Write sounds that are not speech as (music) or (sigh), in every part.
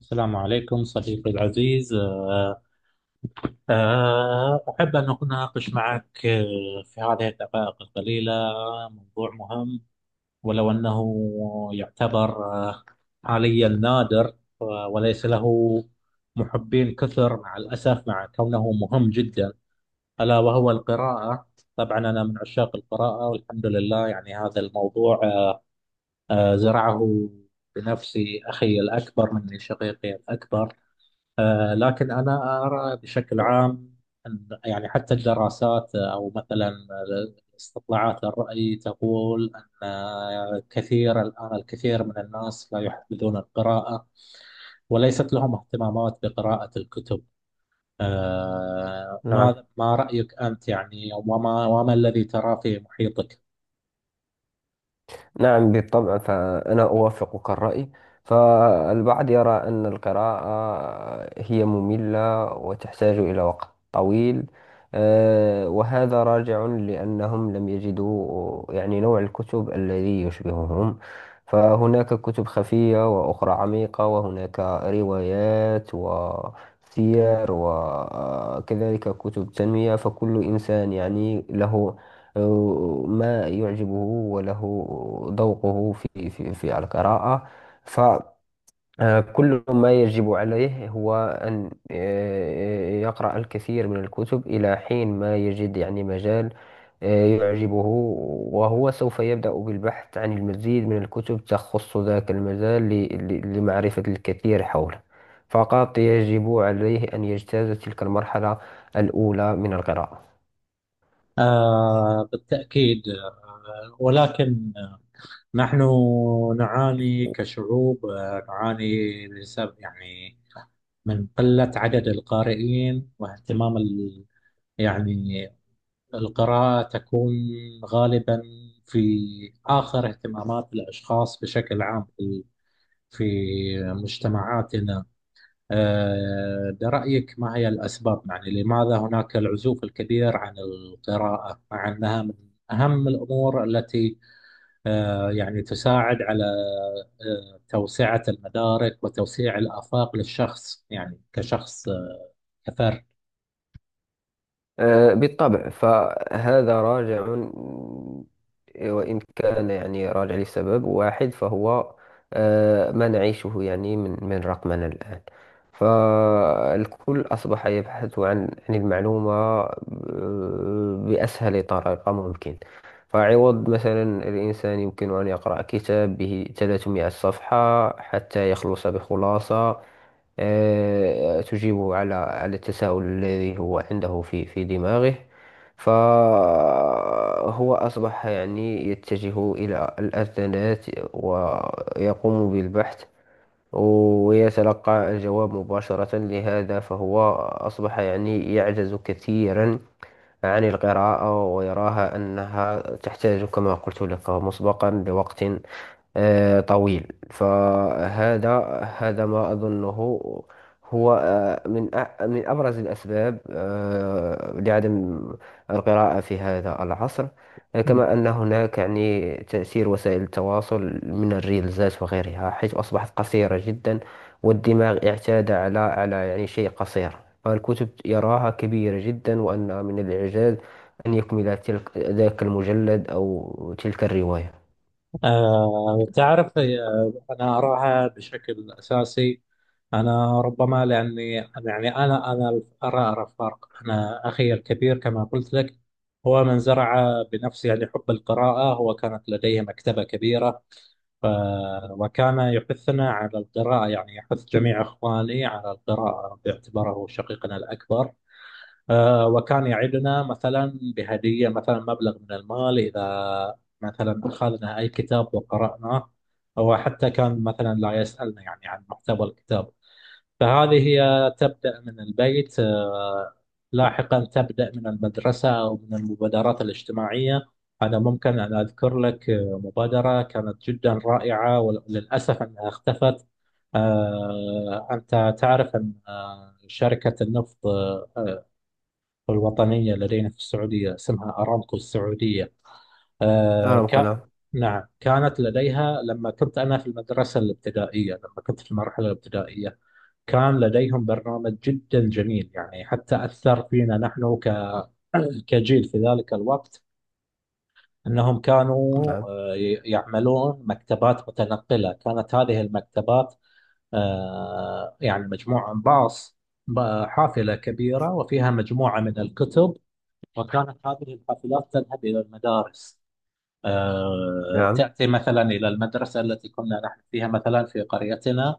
السلام عليكم صديقي العزيز أحب أن أناقش معك في هذه الدقائق القليلة موضوع مهم، ولو أنه يعتبر حاليا نادر، وليس له محبين كثر مع الأسف مع كونه مهم جدا، ألا وهو القراءة. طبعا أنا من عشاق القراءة والحمد لله، يعني هذا الموضوع زرعه بنفسي أخي الأكبر مني، شقيقي الأكبر. لكن أنا أرى بشكل عام أن يعني حتى الدراسات أو مثلا استطلاعات الرأي تقول أن كثير الآن، الكثير من الناس لا يحبذون القراءة وليست لهم اهتمامات بقراءة الكتب. نعم. ما رأيك أنت يعني، وما الذي تراه في محيطك؟ نعم بالطبع، فأنا أوافقك الرأي. فالبعض يرى أن القراءة هي مملة وتحتاج إلى وقت طويل. وهذا راجع لأنهم لم يجدوا نوع الكتب الذي يشبههم. فهناك كتب خفية وأخرى عميقة، وهناك روايات وسير وكذلك كتب تنمية. فكل إنسان له ما يعجبه، وله ذوقه في القراءة. فكل ما يجب عليه هو أن يقرأ الكثير من الكتب إلى حين ما يجد مجال يعجبه، وهو سوف يبدأ بالبحث عن المزيد من الكتب تخص ذاك المجال لمعرفة الكثير حوله. فقط يجب عليه أن يجتاز تلك المرحلة الأولى من القراءة. آه، بالتأكيد آه، ولكن نحن نعاني كشعوب، نعاني بسبب يعني من قلة عدد القارئين واهتمام ال... يعني القراءة تكون غالبا في آخر اهتمامات الأشخاص بشكل عام في في مجتمعاتنا. ده رأيك، ما هي الأسباب يعني؟ لماذا هناك العزوف الكبير عن القراءة مع أنها من أهم الأمور التي يعني تساعد على توسعة المدارك وتوسيع الآفاق للشخص، يعني كشخص، كفرد. بالطبع، فهذا راجع، وإن كان راجع لسبب واحد فهو ما نعيشه من رقمنا الآن. فالكل أصبح يبحث عن المعلومة بأسهل طريقة ممكن. فعوض مثلا الإنسان يمكن أن يقرأ كتاب به 300 صفحة حتى يخلص بخلاصة تجيبه على التساؤل الذي هو عنده في دماغه. فهو أصبح يتجه إلى الأذانات ويقوم بالبحث ويتلقى الجواب مباشرة. لهذا فهو أصبح يعجز كثيرا عن القراءة، ويراها أنها تحتاج كما قلت لك مسبقا لوقت طويل. هذا ما أظنه هو من أبرز الأسباب لعدم القراءة في هذا العصر. كما أن هناك تأثير وسائل التواصل من الريلزات وغيرها، حيث أصبحت قصيرة جدا والدماغ اعتاد على شيء قصير. فالكتب يراها كبيرة جدا، وأن من الإعجاز أن يكمل ذاك المجلد أو تلك الرواية. تعرف، أنا أراها بشكل أساسي، أنا ربما لأني يعني أنا أرى فرق. أنا أخي الكبير كما قلت لك هو من زرع بنفسه يعني حب القراءة، هو كانت لديه مكتبة كبيرة، ف- وكان يحثنا على القراءة، يعني يحث جميع إخواني على القراءة باعتباره شقيقنا الأكبر. وكان يعدنا مثلا بهدية، مثلا مبلغ من المال إذا مثلا أخذنا أي كتاب وقرأناه، أو حتى كان مثلا لا يسألنا يعني عن محتوى الكتاب. فهذه هي تبدأ من البيت، لاحقا تبدأ من المدرسة أو من المبادرات الاجتماعية. أنا ممكن أن أذكر لك مبادرة كانت جدا رائعة وللأسف أنها اختفت. أنت تعرف أن شركة النفط الوطنية لدينا في السعودية اسمها أرامكو السعودية، آه، أرى. ك... نعم، كانت لديها لما كنت أنا في المدرسة الابتدائية، لما كنت في المرحلة الابتدائية كان لديهم برنامج جدا جميل، يعني حتى أثر فينا نحن كجيل في ذلك الوقت. أنهم كانوا نعم. يعملون مكتبات متنقلة. كانت هذه المكتبات يعني مجموعة من باص، حافلة كبيرة وفيها مجموعة من الكتب، وكانت هذه الحافلات تذهب إلى المدارس. نعم. تأتي مثلا إلى المدرسة التي كنا نحن فيها، مثلا في قريتنا،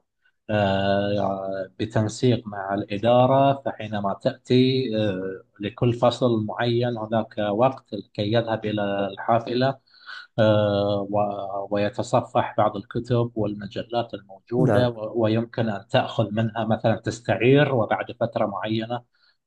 بتنسيق مع الإدارة. فحينما تأتي لكل فصل معين هناك وقت لكي يذهب إلى الحافلة ويتصفح بعض الكتب والمجلات الموجودة، نعم. ويمكن أن تأخذ منها مثلا، تستعير، وبعد فترة معينة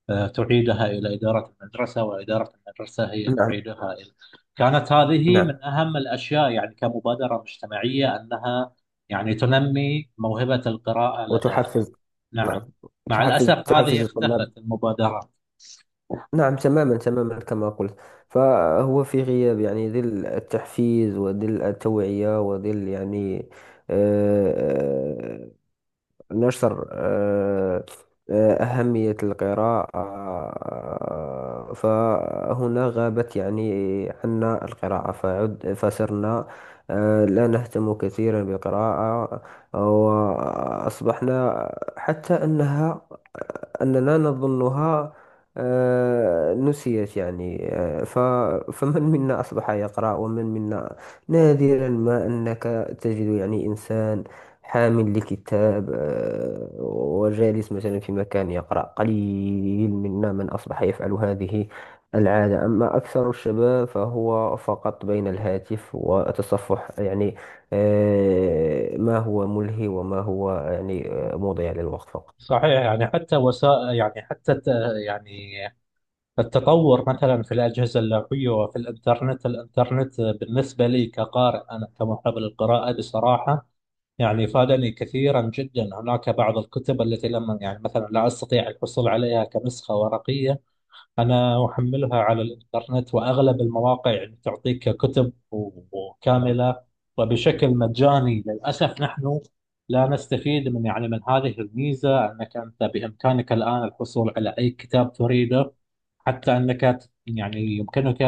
تعيدها إلى إدارة المدرسة، وإدارة المدرسة هي نعم. تعيدها إلى. كانت هذه نعم. من أهم الأشياء يعني كمبادرة مجتمعية، أنها يعني تنمي موهبة القراءة لدى. وتحفز. نعم. نعم، مع تحفز الأسف هذه تحفز الطلاب. اختفت المبادرات. نعم، تماما تماما كما قلت. فهو في غياب ظل التحفيز وظل التوعية وظل آه، آه، نشر أهمية القراءة. فهنا غابت عنا القراءة، فصرنا لا نهتم كثيرا بالقراءة، وأصبحنا حتى أننا نظنها نسيت يعني آه، ف (laughs) فمن منا أصبح يقرأ ومن منا نادرا ما أنك تجد إنسان حامل لكتاب وجالس مثلا في مكان يقرأ. قليل منا من أصبح يفعل هذه العادة. أما أكثر الشباب فهو فقط بين الهاتف وتصفح ما هو ملهي وما هو مضيع للوقت فقط. صحيح، يعني حتى وسائل، يعني يعني التطور مثلا في الأجهزة اللوحية وفي الإنترنت. الإنترنت بالنسبة لي كقارئ، أنا كمحب للقراءة بصراحة، يعني فادني كثيرا جدا. هناك بعض الكتب التي لم يعني مثلا لا أستطيع الحصول عليها كنسخة ورقية، أنا أحملها على الإنترنت. وأغلب المواقع يعني تعطيك كتب وكاملة وبشكل مجاني. للأسف نحن لا نستفيد من يعني من هذه الميزة، أنك أنت بإمكانك الآن الحصول على أي كتاب تريده. حتى أنك يعني يمكنك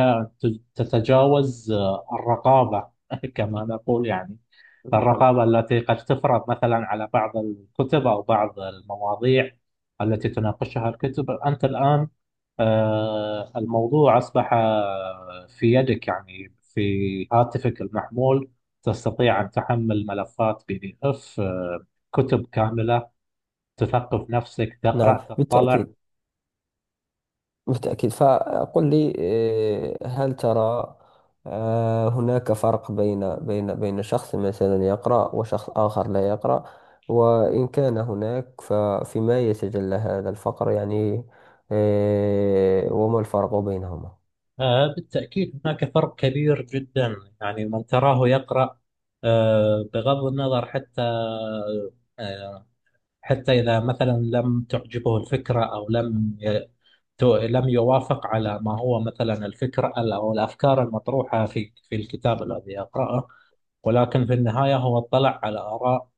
تتجاوز الرقابة (laughs) كما نقول، يعني (laughs) الرقابة التي قد تفرض مثلا على بعض الكتب أو بعض المواضيع التي تناقشها الكتب. أنت الآن الموضوع أصبح في يدك، يعني في هاتفك المحمول تستطيع أن تحمل ملفات بي دي إف، كتب كاملة، تثقف نفسك، نعم، تقرأ، تطلع. بالتأكيد. بالتأكيد. فقل لي، هل ترى هناك فرق بين شخص مثلا يقرأ وشخص آخر لا يقرأ؟ وإن كان هناك ففيما يتجلى هذا الفقر وما الفرق بينهما؟ بالتأكيد هناك فرق كبير جدا. يعني من تراه يقرأ بغض النظر حتى آه، حتى إذا مثلا لم تعجبه الفكرة أو لم ي- تو- لم يوافق على ما هو مثلا الفكرة أو الأفكار المطروحة في الكتاب الذي يقرأه، ولكن في النهاية هو اطلع على آراء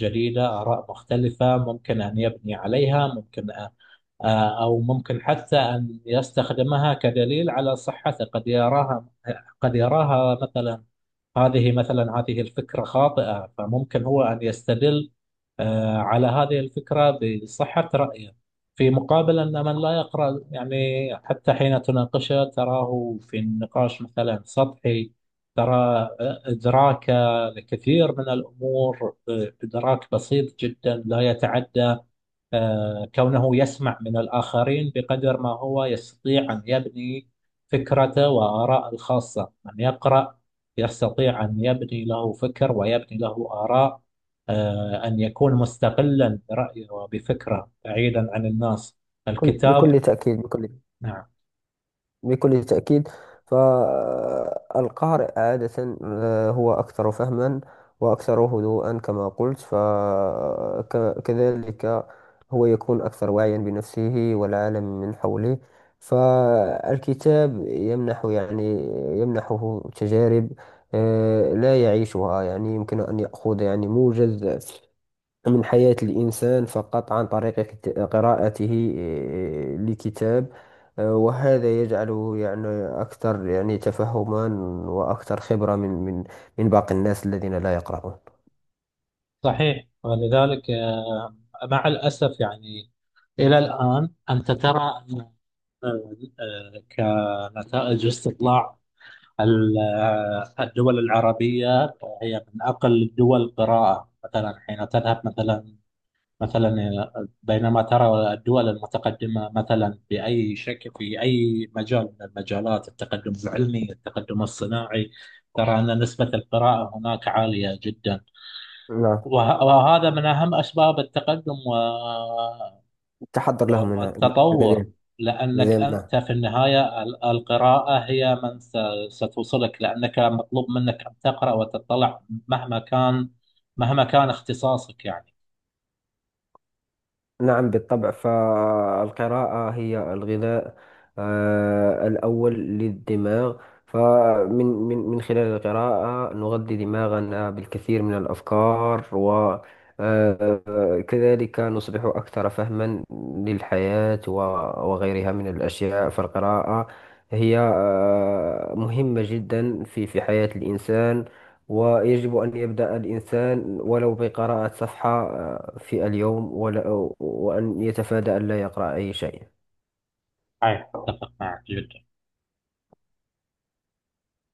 جديدة، آراء مختلفة ممكن أن يبني عليها، ممكن أ- آه، أو ممكن حتى أن يستخدمها كدليل على صحته. قد يراها، قد يراها مثلا، هذه مثلا هذه الفكرة خاطئة، فممكن هو أن يستدل على هذه الفكرة بصحة رأيه. في مقابل أن من لا يقرأ يعني حتى حين تناقشه تراه في النقاش مثلا سطحي، ترى إدراكه لكثير من الأمور إدراك بسيط جدا، لا يتعدى كونه يسمع من الآخرين بقدر ما هو يستطيع أن يبني فكرته وآراء الخاصة. من يقرأ يستطيع أن يبني له فكر ويبني له آراء، أن يكون مستقلا برأيه وبفكره بعيدا عن الناس، الكتاب. بكل تأكيد، نعم، بكل تأكيد. فالقارئ عادة هو أكثر فهما وأكثر هدوءا كما قلت، فكذلك هو يكون أكثر وعيا بنفسه والعالم من حوله. فالكتاب يمنح يمنحه تجارب لا يعيشها. يمكن أن يأخذ موجز من حياة الإنسان فقط عن طريق قراءته لكتاب. وهذا يجعله أكثر تفهما وأكثر خبرة من من باقي الناس الذين لا يقرؤون. صحيح، ولذلك مع الأسف يعني إلى الآن أنت ترى آه، كنتائج استطلاع، ال- الدول العربية هي من أقل الدول قراءة. مثلا حين تذهب مثلا، مثلا بينما ترى الدول المتقدمة مثلا بأي شكل في أي مجال من المجالات، التقدم العلمي، التقدم الصناعي، ترى أن نسبة القراءة هناك عالية جدا. نعم، وهذا من أهم أسباب التقدم التحضر لهم من والتطور، لدينا. لأنك أنت لدينا. في النهاية القراءة هي ستوصلك، لأنك مطلوب منك أن تقرأ وتطلع مهما كان، مهما كان اختصاصك يعني. نعم، بالطبع، فالقراءة هي الغذاء الأول للدماغ. فمن من خلال القراءة نغذي دماغنا بالكثير من الأفكار، وكذلك نصبح أكثر فهما للحياة وغيرها من الأشياء. فالقراءة هي مهمة جدا في حياة الإنسان. ويجب أن يبدأ الإنسان ولو بقراءة صفحة في اليوم، وأن يتفادى أن لا يقرأ أي شيء. أيوة، أتفق معك جدا.